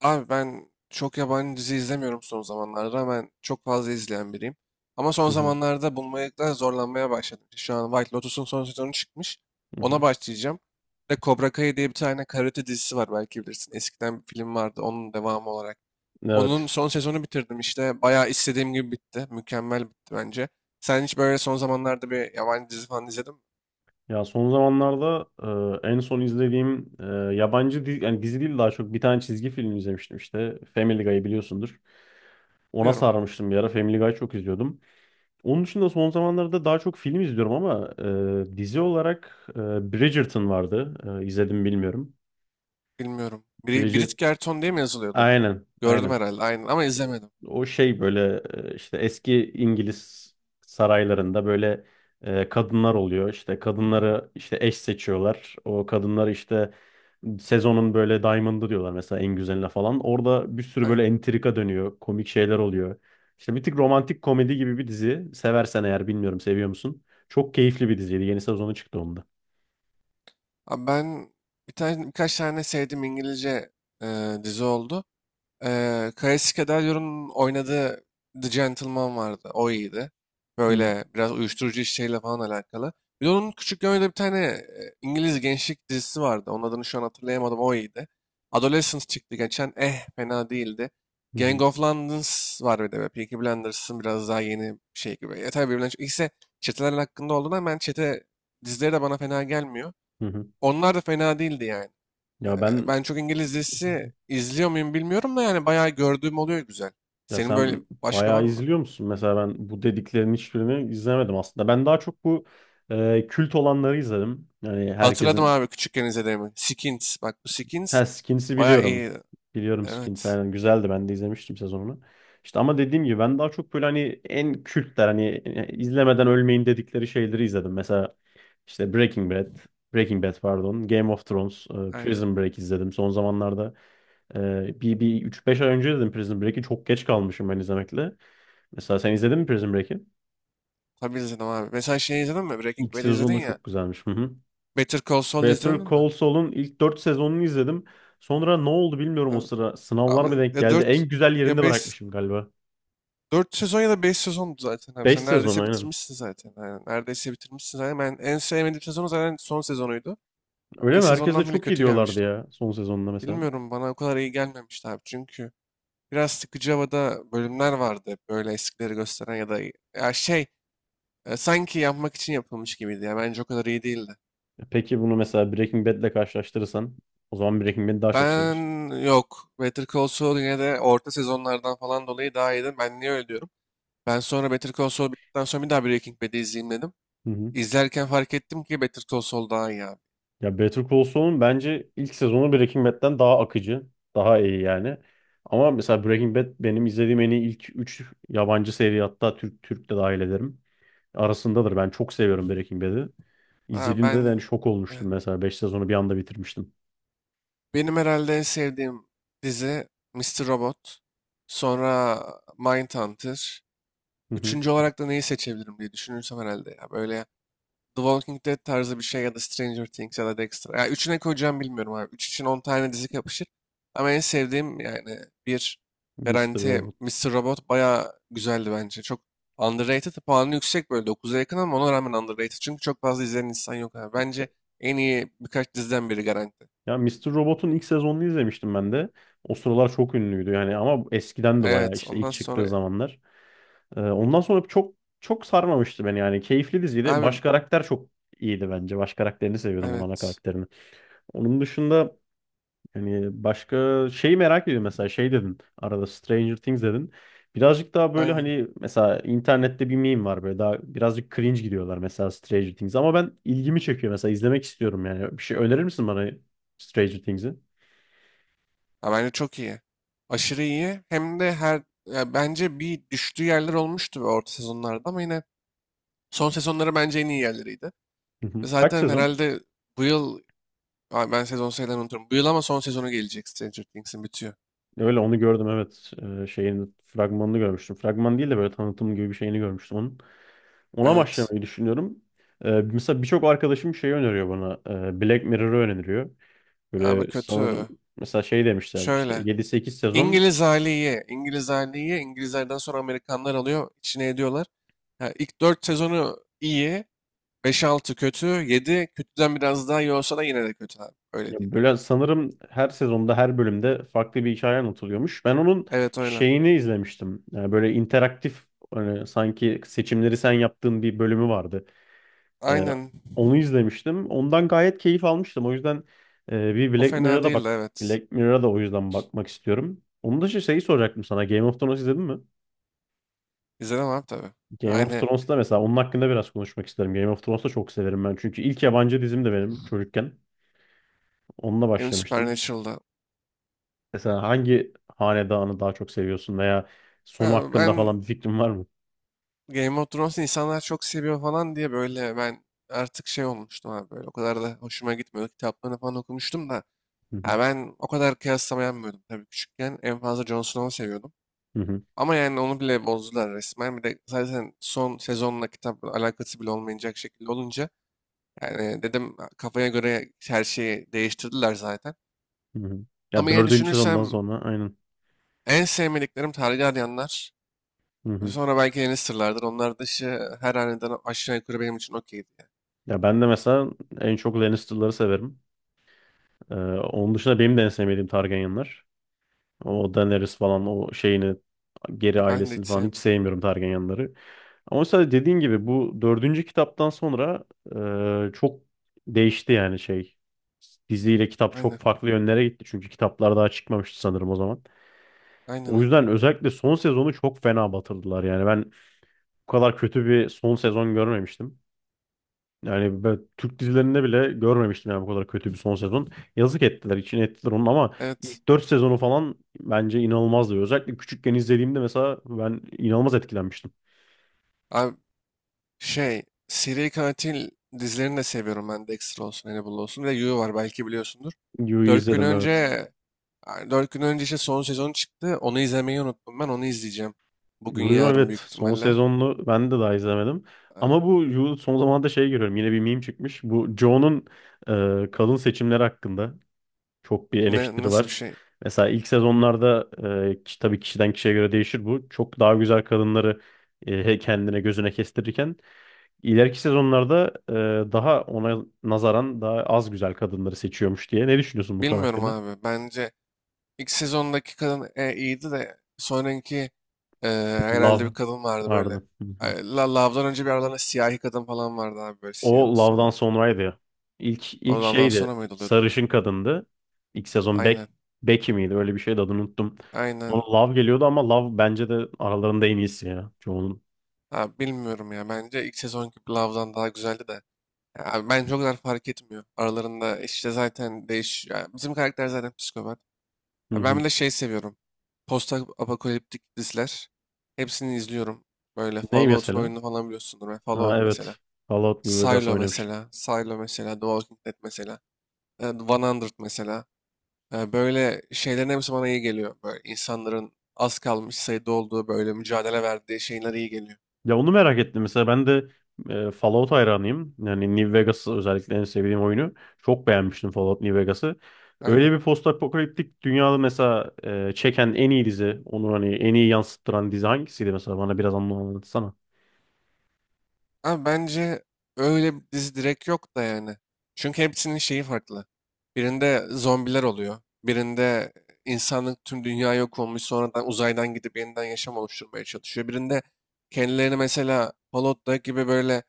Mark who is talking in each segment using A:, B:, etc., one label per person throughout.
A: Abi ben çok yabancı dizi izlemiyorum son zamanlarda. Ben çok fazla izleyen biriyim. Ama son
B: Hı hı,
A: zamanlarda bulmakta zorlanmaya başladım. İşte şu an White Lotus'un son sezonu çıkmış.
B: hı
A: Ona
B: hı.
A: başlayacağım. Bir de Cobra Kai diye bir tane karate dizisi var belki bilirsin. Eskiden bir film vardı onun devamı olarak. Onun
B: Evet.
A: son sezonu bitirdim işte. Bayağı istediğim gibi bitti. Mükemmel bitti bence. Sen hiç böyle son zamanlarda bir yabancı dizi falan izledin mi?
B: Ya son zamanlarda en son izlediğim yabancı dizi, yani dizi değil daha çok bir tane çizgi film izlemiştim işte. Family Guy'ı biliyorsundur. Ona
A: Biliyorum.
B: sarmıştım bir ara. Family Guy çok izliyordum. Onun dışında son zamanlarda daha çok film izliyorum ama dizi olarak Bridgerton vardı. E, izledim bilmiyorum.
A: Bilmiyorum. Brit
B: Bridget
A: Gerton diye mi yazılıyordu?
B: aynen
A: Gördüm
B: aynen.
A: herhalde. Aynen ama izlemedim.
B: O şey böyle işte eski İngiliz saraylarında böyle kadınlar oluyor. İşte kadınları işte eş seçiyorlar. O kadınları işte sezonun böyle diamond'ı diyorlar mesela en güzeline falan. Orada bir sürü
A: Aynen.
B: böyle entrika dönüyor. Komik şeyler oluyor. İşte bir tık romantik komedi gibi bir dizi. Seversen eğer bilmiyorum seviyor musun? Çok keyifli bir diziydi. Yeni sezonu çıktı onda.
A: Abi ben birkaç tane sevdiğim İngilizce dizi oldu. Kaesi Kederyor'un oynadığı The Gentleman vardı. O iyiydi.
B: Hı
A: Böyle biraz uyuşturucu işleriyle falan alakalı. Bir de onun küçükken oynadığı bir tane İngiliz gençlik dizisi vardı. Onun adını şu an hatırlayamadım. O iyiydi. Adolescence çıktı geçen. Eh fena değildi.
B: hı
A: Gang
B: hı.
A: of London's var bir de. Böyle Peaky Blinders'ın biraz daha yeni bir şey gibi. Ya tabii birbirinden çok. İkisi çeteler hakkında olduğundan ben çete dizileri de bana fena gelmiyor.
B: Hı.
A: Onlar da fena değildi yani.
B: Ya ben
A: Ben çok İngiliz dizisi izliyor muyum bilmiyorum da yani bayağı gördüğüm oluyor güzel.
B: Ya
A: Senin böyle
B: sen
A: başka
B: bayağı
A: var mı?
B: izliyor musun? Mesela ben bu dediklerin hiçbirini izlemedim aslında. Ben daha çok bu kült olanları izledim. Yani
A: Hatırladım
B: herkesin.
A: abi küçükken izlediğimi. Skins. Bak bu Skins
B: Ha, Skins'i
A: bayağı
B: biliyorum.
A: iyi.
B: Biliyorum Skins.
A: Evet.
B: Aynen, güzeldi. Ben de izlemiştim sezonunu. İşte ama dediğim gibi ben daha çok böyle hani en kültler hani izlemeden ölmeyin dedikleri şeyleri izledim. Mesela işte Breaking Bad. Breaking Bad pardon. Game of Thrones. e,
A: Aynen.
B: Prison Break izledim. Son zamanlarda bir üç beş ay önce dedim Prison Break'i. Çok geç kalmışım ben izlemekle. Mesela sen izledin mi Prison Break'i?
A: Tabii izledim abi. Mesela şey izledin mi? Breaking
B: İlk
A: Bad izledin
B: sezonu
A: ya.
B: çok güzelmiş. Hı hı.
A: Better Call Saul
B: Better
A: izledin mi?
B: Call Saul'un ilk 4 sezonunu izledim. Sonra ne oldu bilmiyorum
A: Ha,
B: o sıra. Sınavlar
A: abi
B: mı denk
A: ya
B: geldi?
A: 4
B: En güzel
A: ya
B: yerinde
A: beş,
B: bırakmışım galiba.
A: 4 sezon ya da 5 sezondu zaten abi.
B: 5
A: Sen
B: sezon
A: neredeyse
B: aynen.
A: bitirmişsin zaten. Aynen. Neredeyse bitirmişsin zaten. Ben en sevmediğim sezonu zaten son sezonuydu.
B: Öyle
A: İlk
B: mi? Herkes de
A: sezondan bile
B: çok iyi
A: kötü
B: diyorlardı
A: gelmişti.
B: ya son sezonunda mesela.
A: Bilmiyorum, bana o kadar iyi gelmemişti abi çünkü biraz sıkıcı havada bölümler vardı, hep böyle eskileri gösteren ya da ya şey, sanki yapmak için yapılmış gibiydi, ya bence o kadar iyi değildi.
B: Peki bunu mesela Breaking Bad'le karşılaştırırsan o zaman Breaking Bad'i daha çok
A: Ben,
B: seviyorsun.
A: yok, Better Call Saul yine de orta sezonlardan falan dolayı daha iyiydi. Ben niye öyle diyorum? Ben sonra Better Call Saul bittikten sonra bir daha Breaking Bad'i izleyeyim dedim.
B: Hı hı.
A: İzlerken fark ettim ki Better Call Saul daha iyi abi.
B: Ya Better Call Saul'un bence ilk sezonu Breaking Bad'den daha akıcı, daha iyi yani. Ama mesela Breaking Bad benim izlediğim en iyi ilk 3 yabancı seri, hatta Türk de dahil ederim. Arasındadır. Ben çok seviyorum Breaking Bad'i.
A: Ha,
B: İzlediğimde de hani şok
A: e,
B: olmuştum, mesela 5 sezonu bir anda bitirmiştim.
A: benim herhalde en sevdiğim dizi Mr. Robot, sonra Mindhunter.
B: Hı hı.
A: Üçüncü olarak da neyi seçebilirim diye düşünürsem herhalde ya. Böyle The Walking Dead tarzı bir şey ya da Stranger Things ya da Dexter. Ya üçüne koyacağım bilmiyorum abi. Üç için 10 tane dizi yapışır. Ama en sevdiğim yani bir
B: Mr.
A: garanti
B: Robot.
A: Mr. Robot bayağı güzeldi bence. Çok underrated, puanı yüksek böyle dokuz'a yakın ama ona rağmen underrated. Çünkü çok fazla izleyen insan yok abi. Bence en iyi birkaç diziden biri garanti.
B: Ya Mister Robot'un ilk sezonunu izlemiştim ben de. O sıralar çok ünlüydü yani ama eskiden de bayağı
A: Evet
B: işte ilk
A: ondan
B: çıktığı
A: sonra
B: zamanlar. Ondan sonra çok çok sarmamıştı beni yani. Keyifli diziydi.
A: abi
B: Baş karakter çok iyiydi bence. Baş karakterini seviyordum onun, ana
A: evet
B: karakterini. Onun dışında hani başka şeyi merak ediyorum, mesela şey dedin. Arada Stranger Things dedin. Birazcık daha böyle
A: aynen.
B: hani mesela internette bir meme var, böyle daha birazcık cringe gidiyorlar mesela Stranger Things, ama ben ilgimi çekiyor, mesela izlemek istiyorum yani. Bir şey önerir misin bana Stranger Things'i?
A: Ya bence çok iyi. Aşırı iyi. Hem de her, ya bence bir düştüğü yerler olmuştu ve orta sezonlarda ama yine son sezonları bence en iyi yerleriydi.
B: Hı
A: Ve
B: hı. Kaç
A: zaten
B: sezon?
A: herhalde bu yıl, ay, ben sezon sayılarını unuturum. Bu yıl ama son sezonu gelecek, Stranger Things'in bitiyor.
B: Öyle onu gördüm, evet. Şeyin fragmanını görmüştüm. Fragman değil de böyle tanıtım gibi bir şeyini görmüştüm onun. Ona
A: Evet.
B: başlamayı düşünüyorum. Mesela birçok arkadaşım şey öneriyor bana. Black Mirror'ı öneriyor.
A: Abi
B: Böyle sanırım
A: kötü.
B: mesela şey demişlerdi, işte
A: Şöyle.
B: yedi sekiz sezon,
A: İngiliz hali iyi. İngiliz hali iyi. İngilizlerden sonra Amerikanlar alıyor, içine ediyorlar. Ya ilk 4 sezonu iyi. Beş altı kötü. Yedi kötüden biraz daha iyi olsa da yine de kötü abi.
B: ya
A: Öyle diyeyim. Yani.
B: böyle sanırım her sezonda her bölümde farklı bir hikaye anlatılıyormuş. Ben onun
A: Evet öyle.
B: şeyini izlemiştim. Yani böyle interaktif, hani sanki seçimleri sen yaptığın bir bölümü vardı. Ee,
A: Aynen.
B: onu izlemiştim. Ondan gayet keyif almıştım. O yüzden bir
A: O
B: Black
A: fena
B: Mirror'a da bak.
A: değildi evet.
B: Black Mirror'a da o yüzden bakmak istiyorum. Onun dışı şeyi soracaktım sana. Game of Thrones izledin mi?
A: İzledim abi tabii.
B: Game of
A: Aynı,
B: Thrones'ta, mesela onun hakkında biraz konuşmak isterim. Game of Thrones'ta çok severim ben. Çünkü ilk yabancı dizim de benim çocukken. Onunla
A: benim
B: başlamıştım.
A: Supernatural'da.
B: Mesela hangi hanedanı daha çok seviyorsun veya sonu
A: Ben,
B: hakkında
A: ben
B: falan bir fikrin var mı?
A: Game of Thrones'u insanlar çok seviyor falan diye böyle ben artık şey olmuştum abi böyle. O kadar da hoşuma gitmiyordu. Kitaplarını falan okumuştum da.
B: Hı hı,
A: Ya ben o kadar kıyaslama yapmıyordum tabii küçükken. En fazla Jon Snow'u seviyordum.
B: hı hı,
A: Ama yani onu bile bozdular resmen. Bir de zaten son sezonla kitap alakası bile olmayacak şekilde olunca. Yani dedim, kafaya göre her şeyi değiştirdiler zaten.
B: hı hı. Ya
A: Ama yine
B: dördüncü sezondan
A: düşünürsem
B: sonra aynen.
A: en sevmediklerim tarihi arayanlar.
B: Hı hı.
A: Sonra belki yeni sırlardır. Onlar dışı her aniden aşağı yukarı benim için okeydi. Yani.
B: Ya ben de mesela en çok Lannister'ları severim. Ee, onun dışında benim de en sevmediğim Targaryenlar. O Daenerys falan, o şeyini, geri
A: Ha, ben de
B: ailesini
A: hiç
B: falan hiç
A: sevmiyorum.
B: sevmiyorum Targaryenları. Ama mesela dediğin gibi bu dördüncü kitaptan sonra çok değişti yani şey. Diziyle kitap
A: Aynen.
B: çok farklı yönlere gitti, çünkü kitaplar daha çıkmamıştı sanırım o zaman.
A: Aynen
B: O
A: aynen.
B: yüzden özellikle son sezonu çok fena batırdılar, yani ben bu kadar kötü bir son sezon görmemiştim. Yani ben Türk dizilerinde bile görmemiştim yani, bu kadar kötü bir son sezon. Yazık ettiler, için ettiler onun, ama
A: Evet.
B: ilk 4 sezonu falan bence inanılmazdı. Özellikle küçükken izlediğimde mesela ben inanılmaz etkilenmiştim.
A: Abi şey, seri katil dizilerini de seviyorum ben. Dexter olsun, Hannibal olsun. Bir de You var belki biliyorsundur.
B: Yu'yu
A: Dört gün
B: izledim,
A: önce,
B: evet.
A: yani dört gün önce işte son sezonu çıktı. Onu izlemeyi unuttum. Ben onu izleyeceğim. Bugün
B: Yu'yu
A: yarın
B: evet,
A: büyük
B: son
A: ihtimalle.
B: sezonunu ben de daha izlemedim.
A: Ee,
B: Ama bu Yu son zamanlarda şey görüyorum, yine bir meme çıkmış. Bu Joe'nun kadın seçimleri hakkında. Çok bir
A: Ne,
B: eleştiri
A: nasıl bir
B: var.
A: şey?
B: Mesela ilk sezonlarda tabii kişiden kişiye göre değişir bu. Çok daha güzel kadınları kendine, gözüne kestirirken ileriki sezonlarda daha ona nazaran daha az güzel kadınları seçiyormuş diye. Ne düşünüyorsun bu konu
A: Bilmiyorum
B: hakkında?
A: abi. Bence İlk sezondaki kadın iyiydi de sonraki e, herhalde bir
B: Love
A: kadın vardı böyle.
B: vardı. Hı hı.
A: Ay, Love'dan önce bir aralarında siyahi kadın falan vardı abi, böyle
B: O
A: siyahımsı
B: Love'dan
A: falan.
B: sonraydı ya. İlk
A: O Love'dan
B: şeydi.
A: sonra mıydı oluyordu?
B: Sarışın kadındı. İlk sezon
A: Aynen.
B: Becky miydi? Öyle bir şeydi, adını unuttum. Sonra
A: Aynen.
B: Love geliyordu ama Love bence de aralarında en iyisi ya. Çoğunun.
A: Abi bilmiyorum ya. Bence ilk sezonki Love'dan daha güzeldi de. Ya abi bence o kadar fark etmiyor. Aralarında işte zaten değiş... ya bizim karakter zaten psikopat.
B: Hı
A: Abi ben
B: hı.
A: bir de şey seviyorum: post-apokaliptik diziler. Hepsini izliyorum. Böyle
B: Ney
A: Fallout'un
B: mesela?
A: oyununu falan biliyorsundur. Ben
B: Ha,
A: Fallout mesela.
B: evet. Fallout New Vegas
A: Silo
B: oynamıştım.
A: mesela, Silo mesela, The Walking Dead mesela, The 100 mesela. Böyle şeylerin hepsi bana iyi geliyor. Böyle insanların az kalmış sayıda olduğu, böyle mücadele verdiği şeyler iyi geliyor.
B: Ya onu merak ettim mesela. Ben de Fallout hayranıyım. Yani New Vegas özellikle en sevdiğim oyunu. Çok beğenmiştim Fallout New Vegas'ı. Öyle
A: Aynen.
B: bir postapokaliptik dünyada mesela çeken en iyi dizi, onu hani en iyi yansıttıran dizi hangisiydi mesela? Bana biraz anlatsana.
A: Ama bence öyle bir dizi direkt yok da yani. Çünkü hepsinin şeyi farklı. Birinde zombiler oluyor. Birinde insanlık, tüm dünya yok olmuş, sonradan uzaydan gidip yeniden yaşam oluşturmaya çalışıyor. Birinde kendilerini mesela Fallout'taki gibi böyle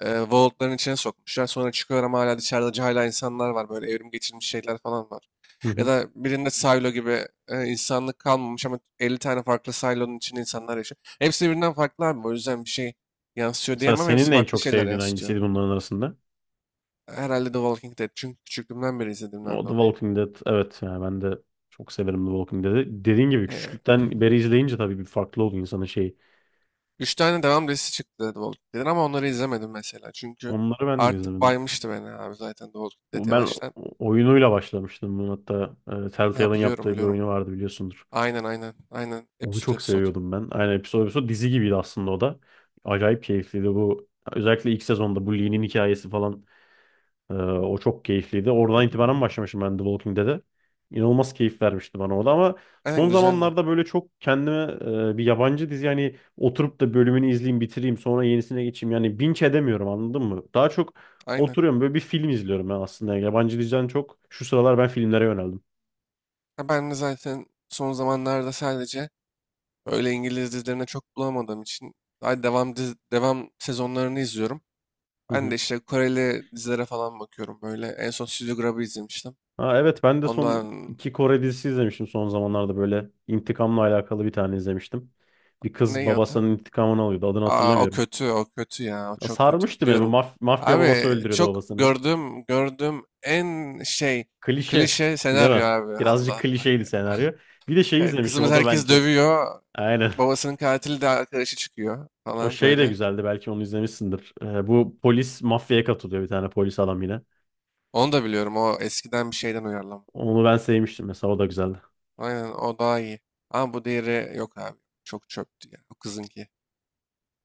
A: vaultların içine sokmuşlar. Sonra çıkıyorum hala dışarıda hala insanlar var. Böyle evrim geçirmiş şeyler falan var.
B: Hı
A: Ya
B: hı.
A: da birinde silo gibi insanlık kalmamış ama 50 tane farklı silo'nun içinde insanlar yaşıyor. Hepsi birbirinden farklı abi. O yüzden bir şey yansıtıyor
B: Mesela
A: diyemem.
B: senin
A: Hepsi
B: en
A: farklı
B: çok
A: şeyler
B: sevdiğin
A: yansıtıyor.
B: hangisiydi bunların arasında?
A: Herhalde The Walking Dead. Çünkü küçüklüğümden beri izlediğimden
B: O The
A: dolayı.
B: Walking Dead. Evet yani ben de çok severim The Walking Dead'i. Dediğin gibi
A: E,
B: küçüklükten beri izleyince tabii bir farklı oldu insanın şeyi.
A: üç tane devam dizisi çıktı The Walking Dead'in, ama onları izlemedim mesela. Çünkü
B: Onları ben de
A: artık
B: izledim.
A: baymıştı beni abi zaten The Walking Dead
B: Ben
A: yavaştan.
B: oyunuyla başlamıştım bunun, hatta
A: Ha
B: Telltale'ın
A: biliyorum
B: yaptığı bir
A: biliyorum.
B: oyunu vardı biliyorsundur.
A: Aynen aynen aynen,
B: Onu
A: episode
B: çok
A: episode.
B: seviyordum ben. Aynen, episode episode dizi gibiydi aslında o da. Acayip keyifliydi bu. Özellikle ilk sezonda bu Lee'nin hikayesi falan, o çok keyifliydi. Oradan itibaren başlamışım ben The Walking Dead'e. İnanılmaz keyif vermişti bana o da, ama son
A: Aynen güzeldi.
B: zamanlarda böyle çok kendime bir yabancı dizi yani oturup da bölümünü izleyeyim, bitireyim, sonra yenisine geçeyim, yani binge edemiyorum, anladın mı? Daha çok
A: Aynen.
B: oturuyorum böyle, bir film izliyorum ben aslında. Yani yabancı diziden çok şu sıralar ben filmlere yöneldim.
A: Ha, ben de zaten son zamanlarda sadece öyle İngiliz dizilerine çok bulamadığım için daha devam sezonlarını izliyorum.
B: Hı
A: Ben
B: hı.
A: de işte Koreli dizilere falan bakıyorum böyle. En son Studio Grab'ı izlemiştim.
B: Ha, evet ben de son
A: Ondan,
B: iki Kore dizisi izlemiştim son zamanlarda, böyle intikamla alakalı bir tane izlemiştim. Bir kız
A: ne adı?
B: babasının intikamını alıyordu, adını
A: Aa o
B: hatırlamıyorum.
A: kötü, o kötü ya. O
B: Ya
A: çok kötü.
B: sarmıştı beni. Bu
A: Biliyorum.
B: mafya
A: Abi
B: babası öldürüyordu
A: çok
B: babasını.
A: gördüm en şey,
B: Klişe,
A: klişe
B: değil mi?
A: senaryo abi. Allah
B: Birazcık
A: Allah
B: klişeydi
A: ya.
B: senaryo. Bir de şey
A: Ya
B: izlemişim.
A: kızımız,
B: O da
A: herkes
B: bence
A: dövüyor.
B: aynen.
A: Babasının katili de arkadaşı çıkıyor
B: O
A: falan
B: şey de
A: böyle.
B: güzeldi. Belki onu izlemişsindir. Bu polis mafyaya katılıyor, bir tane polis adam yine.
A: Onu da biliyorum. O eskiden bir şeyden uyarlama.
B: Onu ben sevmiştim mesela. O da güzeldi.
A: Aynen o daha iyi. Ama bu diğeri yok abi. Çok çöptü ya. O kızınki.